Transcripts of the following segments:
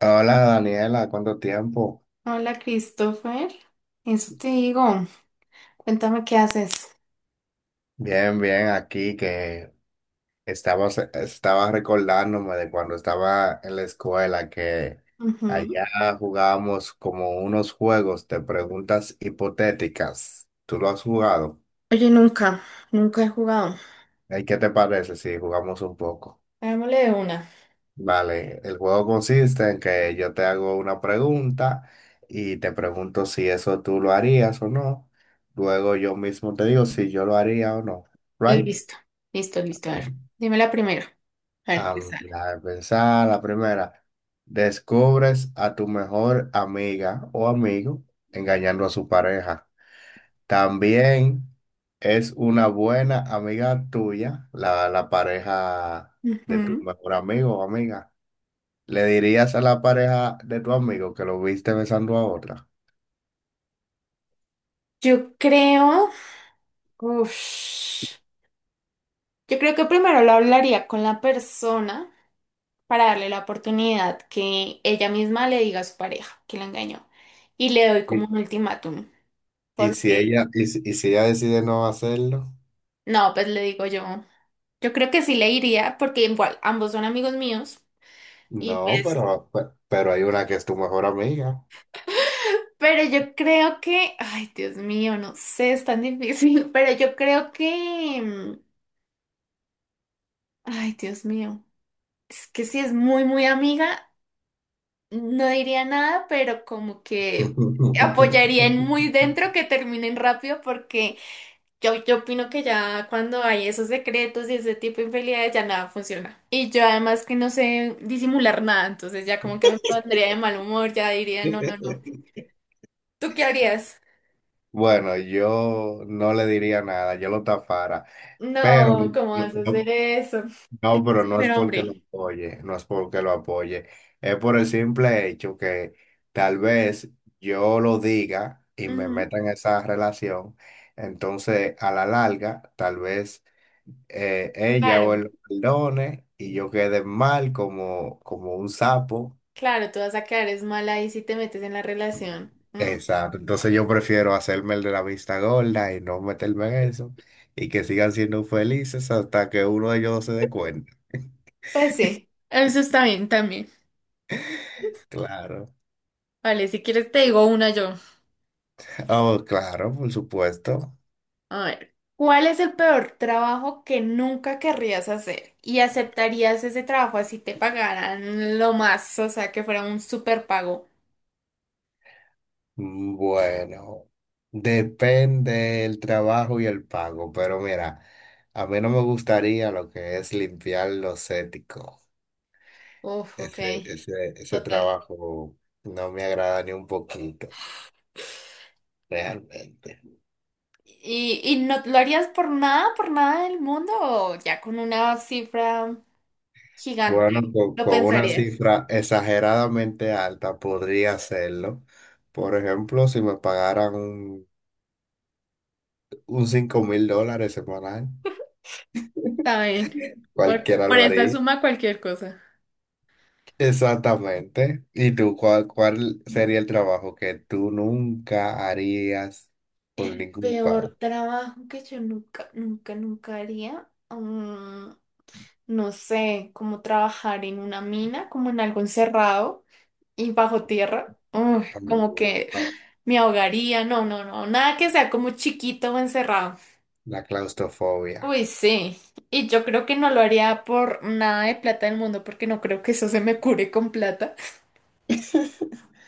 Hola Daniela, ¿cuánto tiempo? Hola, Christopher. Eso te digo. Cuéntame qué haces. Bien, bien, aquí que estaba recordándome de cuando estaba en la escuela que Ujú. allá jugábamos como unos juegos de preguntas hipotéticas. ¿Tú lo has jugado? Oye, nunca, nunca he jugado. ¿Y qué te parece si jugamos un poco? Hagámosle de una. Vale, el juego consiste en que yo te hago una pregunta y te pregunto si eso tú lo harías o no. Luego yo mismo te digo si yo lo haría o no. Eh, ¿Right? Listo, listo, listo. A ver, dime la primera. A ver qué sale. La de pensar, la primera. Descubres a tu mejor amiga o amigo engañando a su pareja. También es una buena amiga tuya, la pareja de tu Ujú. mejor amigo o amiga. ¿Le dirías a la pareja de tu amigo que lo viste besando a otra? Yo creo. Uf. Yo creo que primero lo hablaría con la persona para darle la oportunidad que ella misma le diga a su pareja que la engañó. Y le doy Y, como un ultimátum. Y si ella decide no hacerlo, No, pues le digo yo. Yo creo que sí le iría, porque igual ambos son amigos míos. Y no, pues, pero, pero hay una que es tu mejor amiga. pero yo creo que, ay, Dios mío, no sé, es tan difícil, pero yo creo que, ay, Dios mío, es que si es muy, muy amiga, no diría nada, pero como que apoyaría en muy dentro que terminen rápido, porque yo opino que ya cuando hay esos secretos y ese tipo de infidelidades ya nada funciona. Y yo además que no sé disimular nada, entonces ya como que me pondría de mal humor, ya diría, no, no, no. ¿Tú qué harías? Bueno, yo no le diría nada, yo lo tapara, pero No, no, ¿cómo vas a hacer no- eso? no, pero no es Pero porque lo hombre, apoye, no es porque lo apoye, es por el simple hecho que tal vez yo lo diga y me ujú, meta en esa relación, entonces a la larga tal vez ella o él claro, lo perdone y yo quede mal como, como un sapo. claro, tú vas a quedar es mala ahí si te metes en la relación. Mm. Exacto, entonces yo prefiero hacerme el de la vista gorda y no meterme en eso y que sigan siendo felices hasta que uno de ellos no se dé cuenta. Pues sí, eso está bien también. Claro. Vale, si quieres te digo una yo. Oh, claro, por supuesto. A ver, ¿cuál es el peor trabajo que nunca querrías hacer? ¿Y aceptarías ese trabajo así te pagaran lo más, o sea, que fuera un super pago? Bueno, depende del trabajo y el pago, pero mira, a mí no me gustaría lo que es limpiar los éticos. Uf, ok, Ese total. trabajo no me agrada ni un poquito, realmente. ¿Y no lo harías por nada del mundo o ya con una cifra Bueno, gigante? ¿Lo con una pensarías? cifra exageradamente alta podría hacerlo. Por ejemplo, si me pagaran un $5.000 semanal, Está bien. Por, cualquiera por lo esa haría. suma cualquier cosa. Exactamente. ¿Y tú cuál sería el trabajo que tú nunca harías por ningún pago? Peor trabajo que yo nunca, nunca, nunca haría. Mm, no sé, como trabajar en una mina, como en algo encerrado y bajo tierra. Uy, como que Ah, me ahogaría. No, no, no, nada que sea como chiquito o encerrado. la claustrofobia. Uy, sí. Y yo creo que no lo haría por nada de plata del mundo, porque no creo que eso se me cure con plata.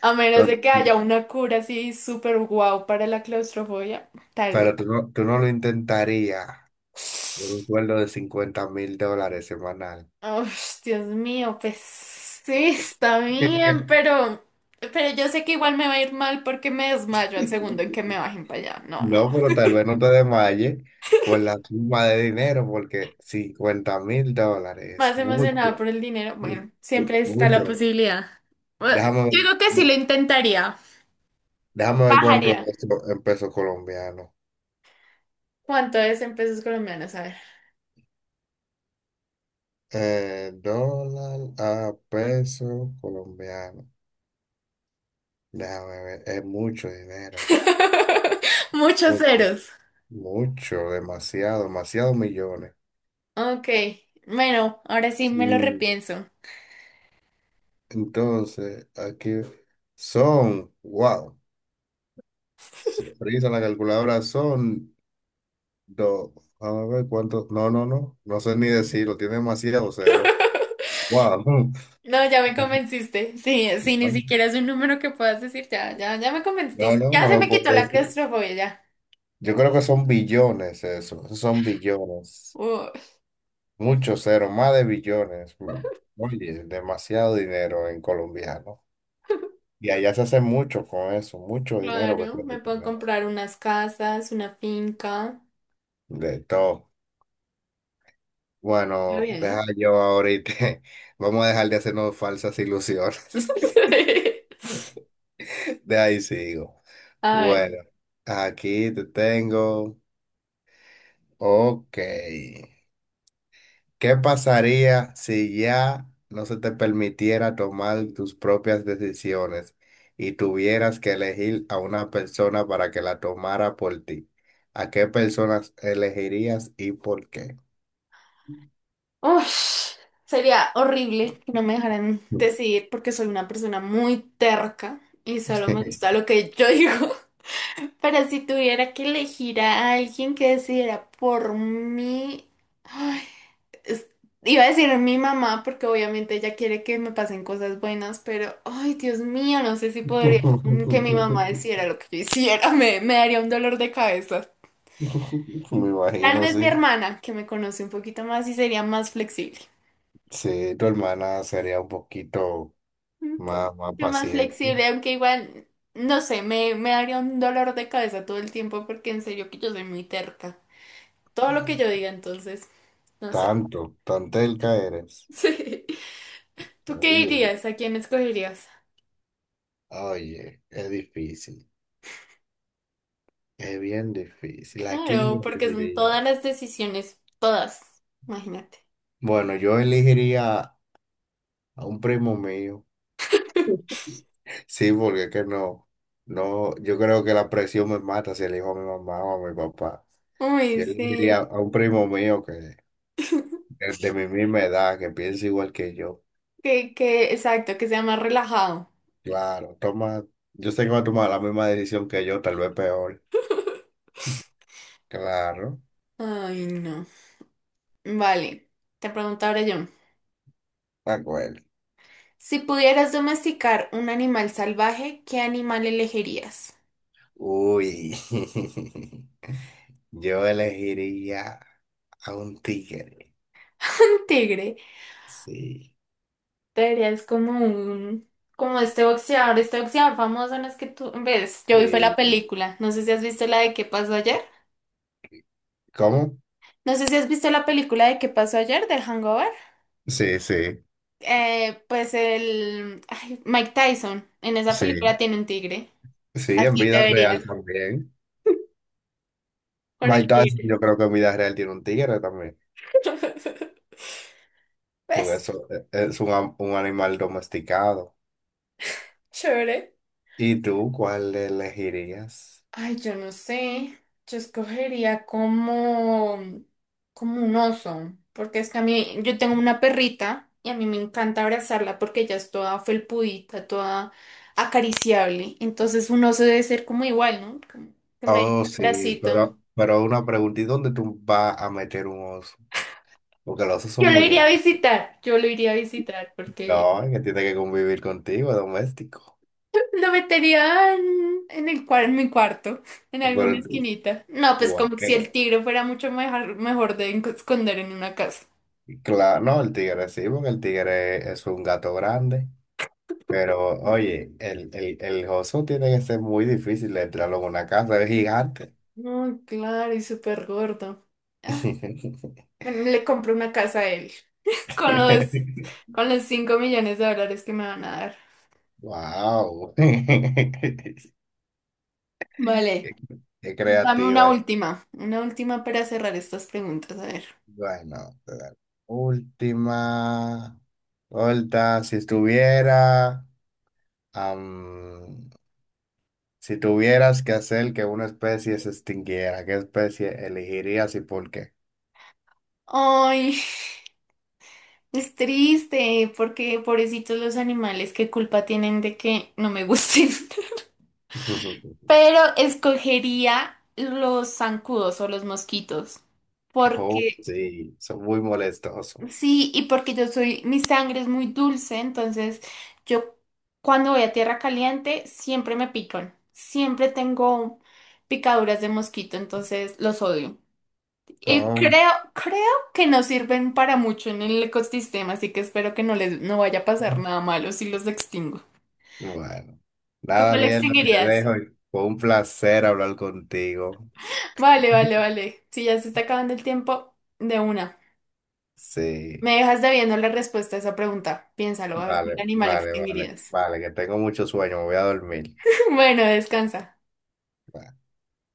A menos No, de que haya una cura así súper guau para la claustrofobia, tal vez. pero tú no lo intentarías por un sueldo de $50.000 semanal. Ush, Dios mío, pues sí, está bien, pero yo sé que igual me va a ir mal porque me desmayo al segundo en que me bajen para allá. No, no. No, pero tal vez no te desmayes por la suma de dinero, porque $50.000 Más es mucho, emocionada por el dinero. mu- Bueno, siempre está la mucho. posibilidad. Bueno, yo Déjame, creo que sí ver- lo intentaría. Déjame ver cuánto es Bajaría. esto en pesos colombianos. ¿Cuánto es en pesos colombianos? A ver. Dólar a peso colombiano. Déjame ver, es mucho dinero. Muchos Mucho, ceros. mucho, demasiado, demasiados millones. Ok. Bueno, ahora sí Sí, me lo repienso. entonces, aquí son, wow, se frisa la calculadora, son Do, a ver cuánto. No, no, no. No sé ni decirlo. Tiene demasiado cero. Wow. No, ya me convenciste. Sí, sí, ni siquiera es un número que puedas decir. Ya, ya, ya me No, convenciste. no, Ya no se lo me quitó puedo la decir. claustrofobia, ya. Yo creo que son billones eso. Esos Son billones. Uh, Muchos ceros, más de billones. Mm. Oye, demasiado dinero en colombiano. Y allá se hace mucho con eso, mucho dinero que claro, se me hace con puedo eso. comprar unas casas, una finca. De todo. Está Bueno, bien, ¿no? deja yo ahorita. Vamos a dejar de hacernos falsas ilusiones. De ahí sigo. A ver. Bueno, aquí te tengo. Ok. ¿Qué pasaría si ya no se te permitiera tomar tus propias decisiones y tuvieras que elegir a una persona para que la tomara por ti? ¿A qué personas elegirías y por qué? Ush, sería horrible que no me dejaran decidir porque soy una persona muy terca y solo me gusta lo que yo digo. Pero si tuviera que elegir a alguien que decidiera por mí. Ay, es- iba a decir mi mamá, porque obviamente ella quiere que me pasen cosas buenas, pero, ay, Dios mío, no sé si podría, mm, que mi mamá hiciera lo que yo hiciera, me daría un dolor de cabeza. Me Tal imagino, vez mi sí. hermana, que me conoce un poquito más y sería más flexible. Sí, tu hermana sería un poquito Un más poquito más paciente. flexible, aunque igual, no sé, me daría un dolor de cabeza todo el tiempo, porque en serio que yo soy muy terca. Todo lo que yo diga, entonces, no sé. Tanto, tan telca eres. Sí. ¿Tú qué Oye, dirías? ¿A quién escogerías? oye, es difícil, es bien difícil. ¿A quién yo Claro, porque son todas elegiría? las decisiones, todas, imagínate. Bueno, yo elegiría a un primo mío. Sí, porque es que no, no, yo creo que la presión me mata si elijo a mi mamá o a mi papá. Uy, Yo elegiría sí. a un primo mío de mi misma edad, que piensa igual que yo. Exacto, que sea más relajado. Claro, toma, yo sé que va a tomar la misma decisión que yo, tal vez peor. Claro, Ay, no. Vale, te pregunto ahora yo. de acuerdo. Si pudieras domesticar un animal salvaje, ¿qué animal elegirías? Uy, yo elegiría a un tigre. Un tigre. Sí, Traerías como un... Como este boxeador famoso, no es que tú... ¿Ves? Yo vi fue la sí. película. No sé si has visto la de ¿Qué pasó ayer? ¿Cómo? No sé si has visto la película de ¿Qué pasó ayer?, del Hangover. Sí, sí, Pues el, ay, Mike Tyson en esa película sí. tiene un tigre. Sí, en Así te vida verías real también. con Mike el Tyson, tigre. yo creo que en vida real tiene un tigre también, porque Pues, eso es un animal domesticado. chévere. ¿Y tú cuál elegirías? Ay, yo no sé. Yo escogería como, como un oso. Porque es que a mí, yo tengo una perrita y a mí me encanta abrazarla porque ella es toda felpudita, toda acariciable. Entonces un oso debe ser como igual, ¿no? Como que me dé un Oh, sí, abracito. Pero una pregunta, ¿y dónde tú vas a meter un oso? Porque los osos son Yo lo muy iría a grandes. visitar, yo lo iría a visitar porque No, que tiene que convivir contigo, doméstico. lo metería en el en mi cuarto, en alguna Pero tú- esquinita. No, pues tú- como si eh, el tigre fuera mucho mejor, mejor de esconder en una casa. claro, no, el tigre sí, porque el tigre es un gato grande. Pero oye, el oso tiene que ser muy difícil de entrarlo en una casa, es gigante. No, claro, y súper gordo. Ah, bueno, le compro una casa a él. Con los, con los 5 millones de dólares que me van a dar. Wow. Vale, Qué dame una creativa. última. Una última para cerrar estas preguntas. A ver. Bueno, la última. Ahorita, si estuviera. Si tuvieras que hacer que una especie se extinguiera, ¿qué especie elegirías y por qué? Ay, es triste, porque pobrecitos los animales, ¿qué culpa tienen de que no me gusten? Pero escogería los zancudos o los mosquitos. Oh, Porque sí, son muy molestosos. sí, y porque yo soy, mi sangre es muy dulce, entonces yo cuando voy a tierra caliente siempre me pican. Siempre tengo picaduras de mosquito, entonces los odio. Y Oh, creo que no sirven para mucho en el ecosistema, así que espero que no les no vaya a pasar nada malo si los extingo. bueno, ¿Tú nada, cuál Daniela, te extinguirías? dejo. Fue un placer hablar contigo. Vale, vale, vale. Si ya se está acabando el tiempo, de una. Sí, Me dejas debiendo la respuesta a esa pregunta. Piénsalo, a ver, ¿qué vale, animal vale, vale, extinguirías? vale, que tengo mucho sueño, me voy a dormir. Bueno, descansa. Bye.